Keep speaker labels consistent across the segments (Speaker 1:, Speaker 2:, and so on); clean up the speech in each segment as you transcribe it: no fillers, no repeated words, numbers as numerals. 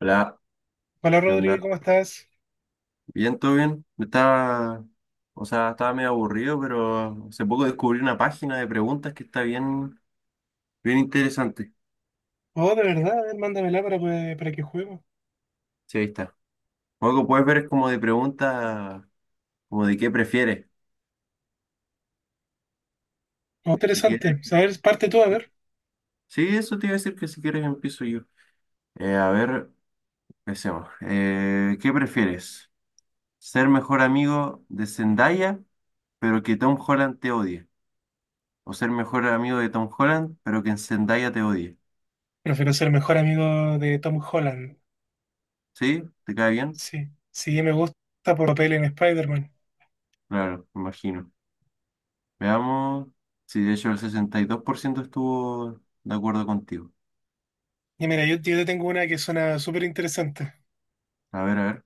Speaker 1: Hola,
Speaker 2: Hola
Speaker 1: ¿qué
Speaker 2: Rodri,
Speaker 1: onda?
Speaker 2: ¿cómo estás?
Speaker 1: Bien, todo bien. O sea, estaba medio aburrido, pero hace poco descubrí una página de preguntas que está bien, bien interesante.
Speaker 2: Oh, de verdad, a ver, mándamela para, para que juguemos.
Speaker 1: Sí, ahí está. Algo que puedes ver es como de preguntas, como de qué prefieres.
Speaker 2: Oh,
Speaker 1: Si quieres.
Speaker 2: interesante. Saber, parte tú, a ver.
Speaker 1: Sí, eso te iba a decir que si quieres empiezo yo. A ver, empecemos. ¿Qué prefieres? ¿Ser mejor amigo de Zendaya, pero que Tom Holland te odie? ¿O ser mejor amigo de Tom Holland, pero que Zendaya te odie?
Speaker 2: Prefiero ser mejor amigo de Tom Holland.
Speaker 1: ¿Sí? ¿Te cae bien?
Speaker 2: Sí, sí, me gusta por papel en Spider-Man.
Speaker 1: Claro, me imagino. Veamos. Sí, de hecho el 62% estuvo de acuerdo contigo.
Speaker 2: Y mira, yo te tengo una que suena súper interesante.
Speaker 1: A ver, a ver.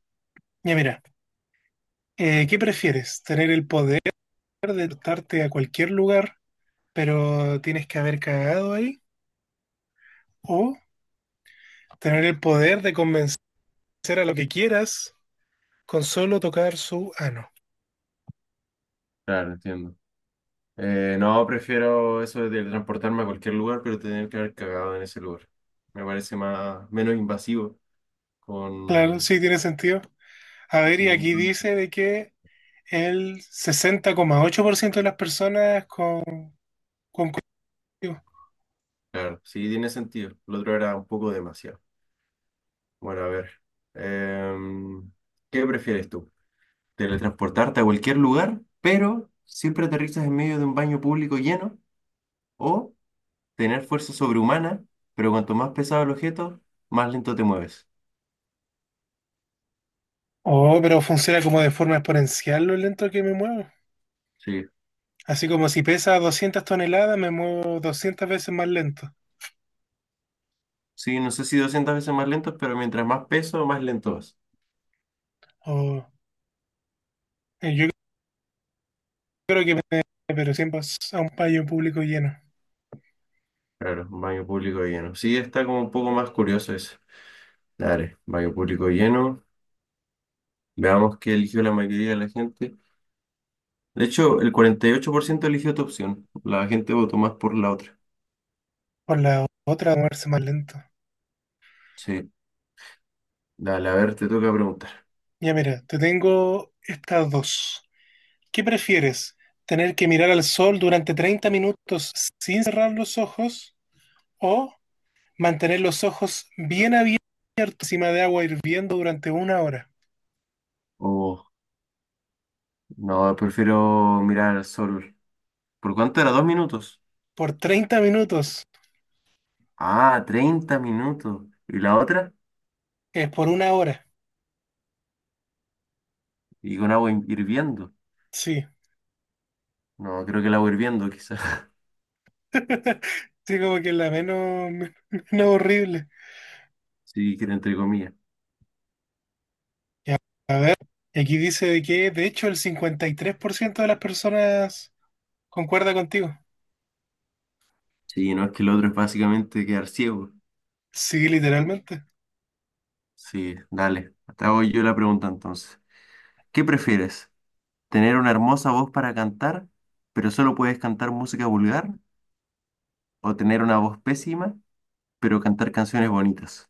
Speaker 2: Ya mira, ¿qué prefieres? ¿Tener el poder de darte a cualquier lugar, pero tienes que haber cagado ahí? ¿O tener el poder de convencer a lo que quieras con solo tocar su ano?
Speaker 1: Claro, entiendo. No, prefiero eso de transportarme a cualquier lugar, pero tener que haber cagado en ese lugar. Me parece más, menos invasivo
Speaker 2: Claro,
Speaker 1: con.
Speaker 2: sí, tiene sentido. A ver, y
Speaker 1: Sí,
Speaker 2: aquí
Speaker 1: no,
Speaker 2: dice de que el 60,8% de las personas con cultivo.
Speaker 1: claro, sí, tiene sentido. Lo otro era un poco demasiado. Bueno, a ver. Em, ¿Qué prefieres tú? ¿Teletransportarte a cualquier lugar, pero siempre aterrizas en medio de un baño público lleno? ¿O tener fuerza sobrehumana, pero cuanto más pesado el objeto, más lento te mueves?
Speaker 2: Oh, pero funciona como de forma exponencial lo lento que me muevo.
Speaker 1: Sí.
Speaker 2: Así como si pesa 200 toneladas, me muevo 200 veces más lento.
Speaker 1: Sí, no sé si 200 veces más lento, pero mientras más peso, más lento vas.
Speaker 2: O yo creo que me, pero siempre es a un payo público lleno.
Speaker 1: Claro, baño público lleno. Sí, está como un poco más curioso eso. Dale, baño público lleno. Veamos qué eligió la mayoría de la gente. De hecho, el 48% eligió tu opción. La gente votó más por la otra.
Speaker 2: Por la otra, a moverse más lento.
Speaker 1: Sí. Dale, a ver, te toca preguntar.
Speaker 2: Ya mira, te tengo estas dos. ¿Qué prefieres? ¿Tener que mirar al sol durante 30 minutos sin cerrar los ojos o mantener los ojos bien abiertos encima de agua hirviendo durante una hora?
Speaker 1: Oh, no, prefiero mirar al sol. ¿Por cuánto era? ¿2 minutos?
Speaker 2: Por 30 minutos,
Speaker 1: Ah, 30 minutos. ¿Y la otra?
Speaker 2: es por una hora.
Speaker 1: Y con agua hirviendo.
Speaker 2: Sí,
Speaker 1: No, creo que el agua hirviendo, quizás.
Speaker 2: sí, como que la menos, menos horrible.
Speaker 1: Sí, que era entre comillas.
Speaker 2: Ya, a ver, aquí dice de que de hecho el 53% de las personas concuerda contigo.
Speaker 1: Sí, no es que el otro es básicamente quedar ciego.
Speaker 2: Sí, literalmente.
Speaker 1: Sí, dale. Te hago yo la pregunta entonces. ¿Qué prefieres? ¿Tener una hermosa voz para cantar, pero solo puedes cantar música vulgar? ¿O tener una voz pésima, pero cantar canciones bonitas?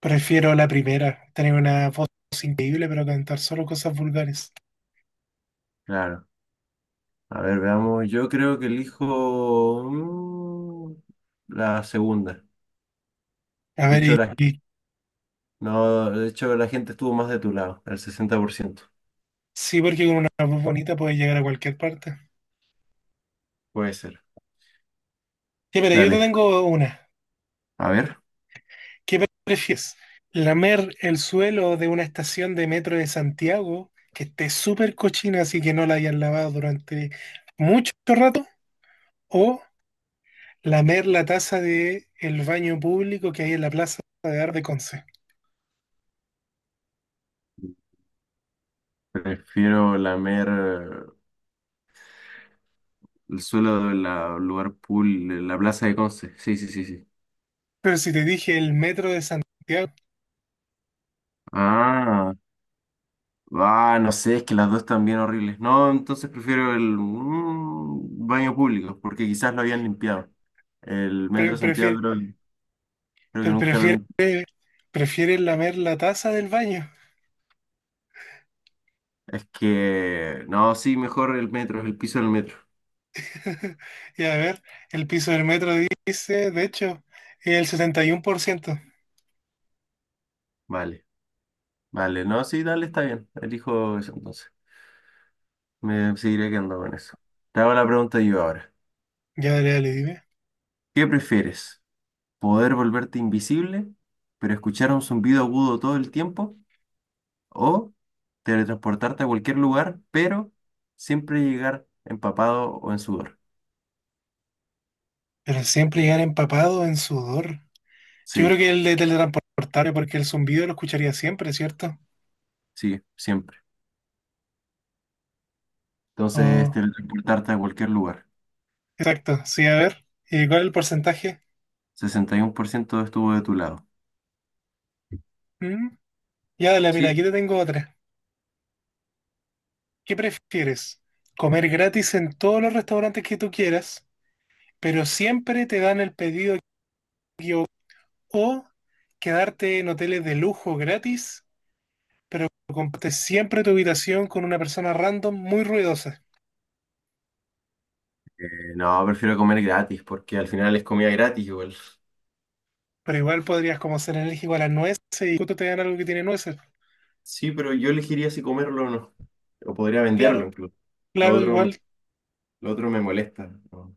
Speaker 2: Prefiero la primera, tener una voz increíble, pero cantar solo cosas vulgares.
Speaker 1: Claro. A ver, veamos. Yo creo que elijo la segunda.
Speaker 2: A
Speaker 1: De
Speaker 2: ver,
Speaker 1: hecho, la No, de hecho la gente estuvo más de tu lado, el 60%.
Speaker 2: sí, porque con una voz bonita puedes llegar a cualquier parte.
Speaker 1: Puede ser.
Speaker 2: Ya, pero yo te
Speaker 1: Dale,
Speaker 2: tengo una.
Speaker 1: a ver.
Speaker 2: ¿Qué prefieres? ¿Lamer el suelo de una estación de metro de Santiago que esté súper cochina así que no la hayan lavado durante mucho rato? ¿O lamer la taza de el baño público que hay en la Plaza de Arde Conce?
Speaker 1: Prefiero lamer el suelo del lugar pool, de la plaza de Conce. Sí, sí, sí, sí.
Speaker 2: Pero si te dije el metro de Santiago,
Speaker 1: Ah, ah, no sé, es que las dos están bien horribles. No, entonces prefiero el baño público, porque quizás lo habían limpiado. El
Speaker 2: pre-
Speaker 1: metro Santiago
Speaker 2: prefiero
Speaker 1: creo que
Speaker 2: pero
Speaker 1: nunca lo
Speaker 2: prefiere,
Speaker 1: limpió.
Speaker 2: prefiere lamer la taza del baño.
Speaker 1: Es que, no, sí, mejor el metro, el piso del metro.
Speaker 2: Y a ver, el piso del metro dice, de hecho, el 71%.
Speaker 1: Vale, vale, no, sí, dale, está bien. Elijo eso entonces. Me seguiré quedando con eso. Te hago la pregunta yo ahora.
Speaker 2: Ya, dale, dale, dime.
Speaker 1: ¿Qué prefieres? ¿Poder volverte invisible, pero escuchar un zumbido agudo todo el tiempo? ¿O teletransportarte a cualquier lugar, pero siempre llegar empapado o en sudor?
Speaker 2: Pero siempre llegar empapado en sudor. Yo creo
Speaker 1: Sí,
Speaker 2: que el de teletransportarme, porque el zumbido lo escucharía siempre, ¿cierto?
Speaker 1: sí, siempre. Entonces,
Speaker 2: Oh,
Speaker 1: teletransportarte a cualquier lugar.
Speaker 2: exacto, sí, a ver. ¿Y cuál es el porcentaje?
Speaker 1: 61% estuvo de tu lado.
Speaker 2: ¿Mm? Ya, dale, mira,
Speaker 1: Sí.
Speaker 2: aquí te tengo otra. ¿Qué prefieres? ¿Comer gratis en todos los restaurantes que tú quieras, pero siempre te dan el pedido o quedarte en hoteles de lujo gratis, pero compartes siempre tu habitación con una persona random muy ruidosa?
Speaker 1: No, prefiero comer gratis, porque al final es comida gratis igual.
Speaker 2: Pero igual podrías como ser alérgico a las nueces y justo te dan algo que tiene nueces.
Speaker 1: Sí, pero yo elegiría si comerlo o no. O podría venderlo
Speaker 2: Claro,
Speaker 1: incluso. Lo
Speaker 2: claro,
Speaker 1: otro
Speaker 2: igual.
Speaker 1: Lo otro me molesta, ¿no?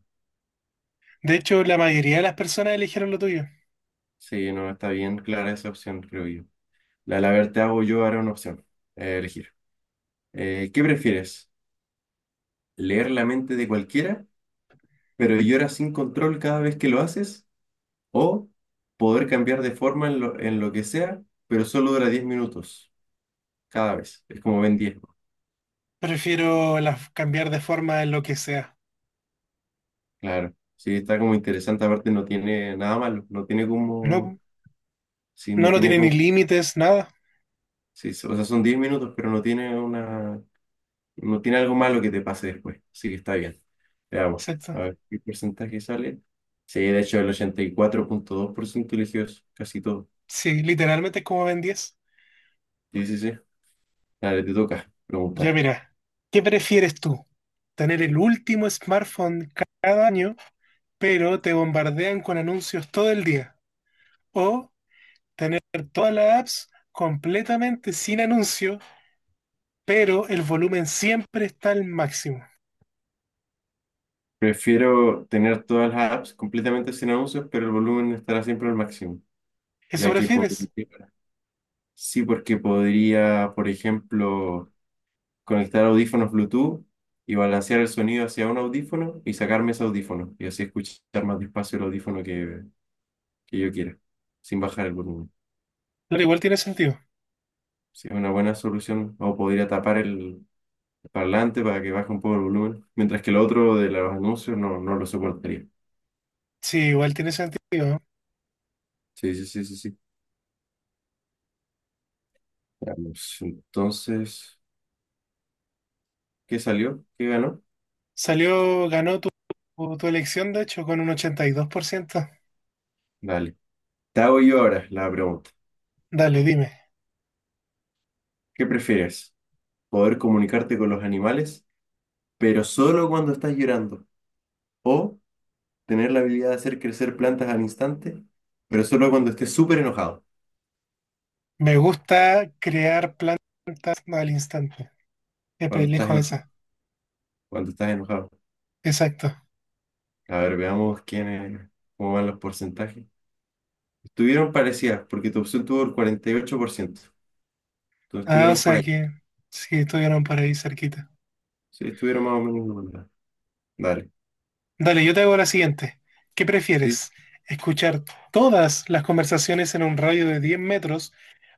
Speaker 2: De hecho, la mayoría de las personas eligieron lo tuyo.
Speaker 1: Sí, no está bien clara esa opción, creo yo. La verdad, hago yo ahora una opción. Elegir. ¿Qué prefieres? ¿Leer la mente de cualquiera, pero lloras sin control cada vez que lo haces? ¿O poder cambiar de forma en lo que sea, pero solo dura 10 minutos cada vez? Es como ven diez, ¿no?
Speaker 2: Prefiero las cambiar de forma en lo que sea.
Speaker 1: Claro. Sí, está como interesante. Aparte, no tiene nada malo. No tiene como.
Speaker 2: No,
Speaker 1: Sí,
Speaker 2: no,
Speaker 1: no
Speaker 2: no
Speaker 1: tiene
Speaker 2: tiene ni
Speaker 1: como.
Speaker 2: límites, nada.
Speaker 1: Sí, o sea, son 10 minutos, pero no tiene una. No tiene algo malo que te pase después, así que está bien. Veamos, a
Speaker 2: Exacto.
Speaker 1: ver qué porcentaje sale. Sí, de hecho, el 84,2% eligió eso, casi todo.
Speaker 2: Sí, literalmente es como Ben 10.
Speaker 1: Sí, sí, sí. Dale, te toca
Speaker 2: Ya
Speaker 1: preguntar.
Speaker 2: mira, ¿qué prefieres tú? ¿Tener el último smartphone cada año pero te bombardean con anuncios todo el día? O tener todas las apps completamente sin anuncios, pero el volumen siempre está al máximo.
Speaker 1: Prefiero tener todas las apps completamente sin anuncios, pero el volumen estará siempre al máximo,
Speaker 2: ¿Eso
Speaker 1: ya que
Speaker 2: prefieres?
Speaker 1: podría. Sí, porque podría, por ejemplo, conectar audífonos Bluetooth y balancear el sonido hacia un audífono y sacarme ese audífono y así escuchar más despacio el audífono que yo quiera, sin bajar el volumen.
Speaker 2: Pero igual tiene sentido.
Speaker 1: Sí, es una buena solución. O podría tapar el parlante para que baje un poco el volumen, mientras que el otro de los anuncios no lo soportaría.
Speaker 2: Sí, igual tiene sentido, ¿no?
Speaker 1: Sí, sí, sí, sí, sí. Veamos. Entonces, ¿qué salió? ¿Qué ganó?
Speaker 2: Salió, ganó tu elección, de hecho, con un 82%.
Speaker 1: Dale. Te hago yo ahora la pregunta.
Speaker 2: Dale, dime.
Speaker 1: ¿Qué prefieres? ¿Poder comunicarte con los animales, pero solo cuando estás llorando? ¿O tener la habilidad de hacer crecer plantas al instante, pero solo cuando estés súper enojado?
Speaker 2: Me gusta crear plantas al instante. Siempre
Speaker 1: Cuando estás
Speaker 2: elijo
Speaker 1: enojado.
Speaker 2: esa.
Speaker 1: Cuando estás enojado.
Speaker 2: Exacto.
Speaker 1: A ver, veamos quiénes, cómo van los porcentajes. Estuvieron parecidas, porque tu opción tuvo el 48%. Entonces
Speaker 2: Ah, o
Speaker 1: estuvieron por
Speaker 2: sea
Speaker 1: ahí.
Speaker 2: que sí, estuvieron por ahí cerquita.
Speaker 1: Sí, estuvieron más o menos igual. Dale.
Speaker 2: Dale, yo te hago la siguiente. ¿Qué
Speaker 1: Sí,
Speaker 2: prefieres? ¿Escuchar todas las conversaciones en un radio de 10 metros,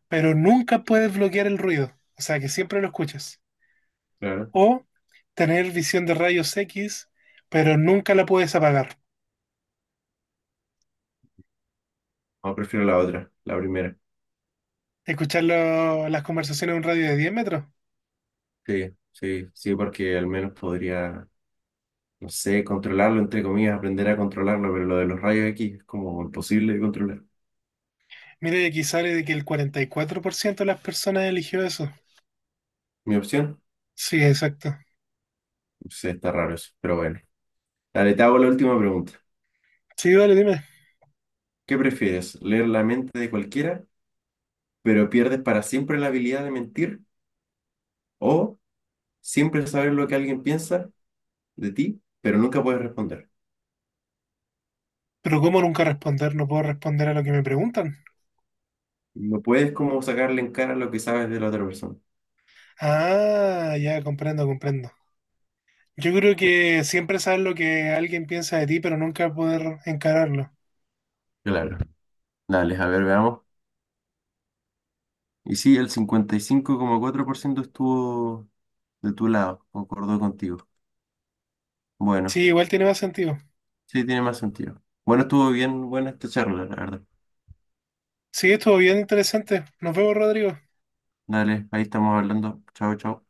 Speaker 2: pero nunca puedes bloquear el ruido? O sea, que siempre lo escuchas.
Speaker 1: claro.
Speaker 2: ¿O tener visión de rayos X, pero nunca la puedes apagar?
Speaker 1: No, prefiero la otra, la primera.
Speaker 2: ¿Escuchar las conversaciones en un radio de 10 metros?
Speaker 1: Sí, sí, sí, porque al menos podría, no sé, controlarlo, entre comillas, aprender a controlarlo, pero lo de los rayos X es como imposible de controlar.
Speaker 2: Mira, y aquí sale de que el 44% de las personas eligió eso.
Speaker 1: ¿Mi opción?
Speaker 2: Sí, exacto.
Speaker 1: Sí, está raro eso, pero bueno. Dale, te hago la última pregunta.
Speaker 2: Sí, dale, dime.
Speaker 1: ¿Qué prefieres? ¿Leer la mente de cualquiera, pero pierdes para siempre la habilidad de mentir? ¿O siempre sabes lo que alguien piensa de ti, pero nunca puedes responder?
Speaker 2: Pero ¿cómo nunca responder? No puedo responder a lo que me preguntan.
Speaker 1: No puedes como sacarle en cara lo que sabes de la otra persona.
Speaker 2: Ah, ya comprendo, comprendo. Yo creo que siempre sabes lo que alguien piensa de ti, pero nunca poder encararlo.
Speaker 1: Claro. Dale, a ver, veamos. Y sí, el 55,4% estuvo de tu lado, concordó contigo.
Speaker 2: Sí,
Speaker 1: Bueno,
Speaker 2: igual tiene más sentido.
Speaker 1: sí, tiene más sentido. Bueno, estuvo bien, buena esta charla, la verdad.
Speaker 2: Sí, estuvo bien interesante. Nos vemos, Rodrigo.
Speaker 1: Dale, ahí estamos hablando. Chao, chao.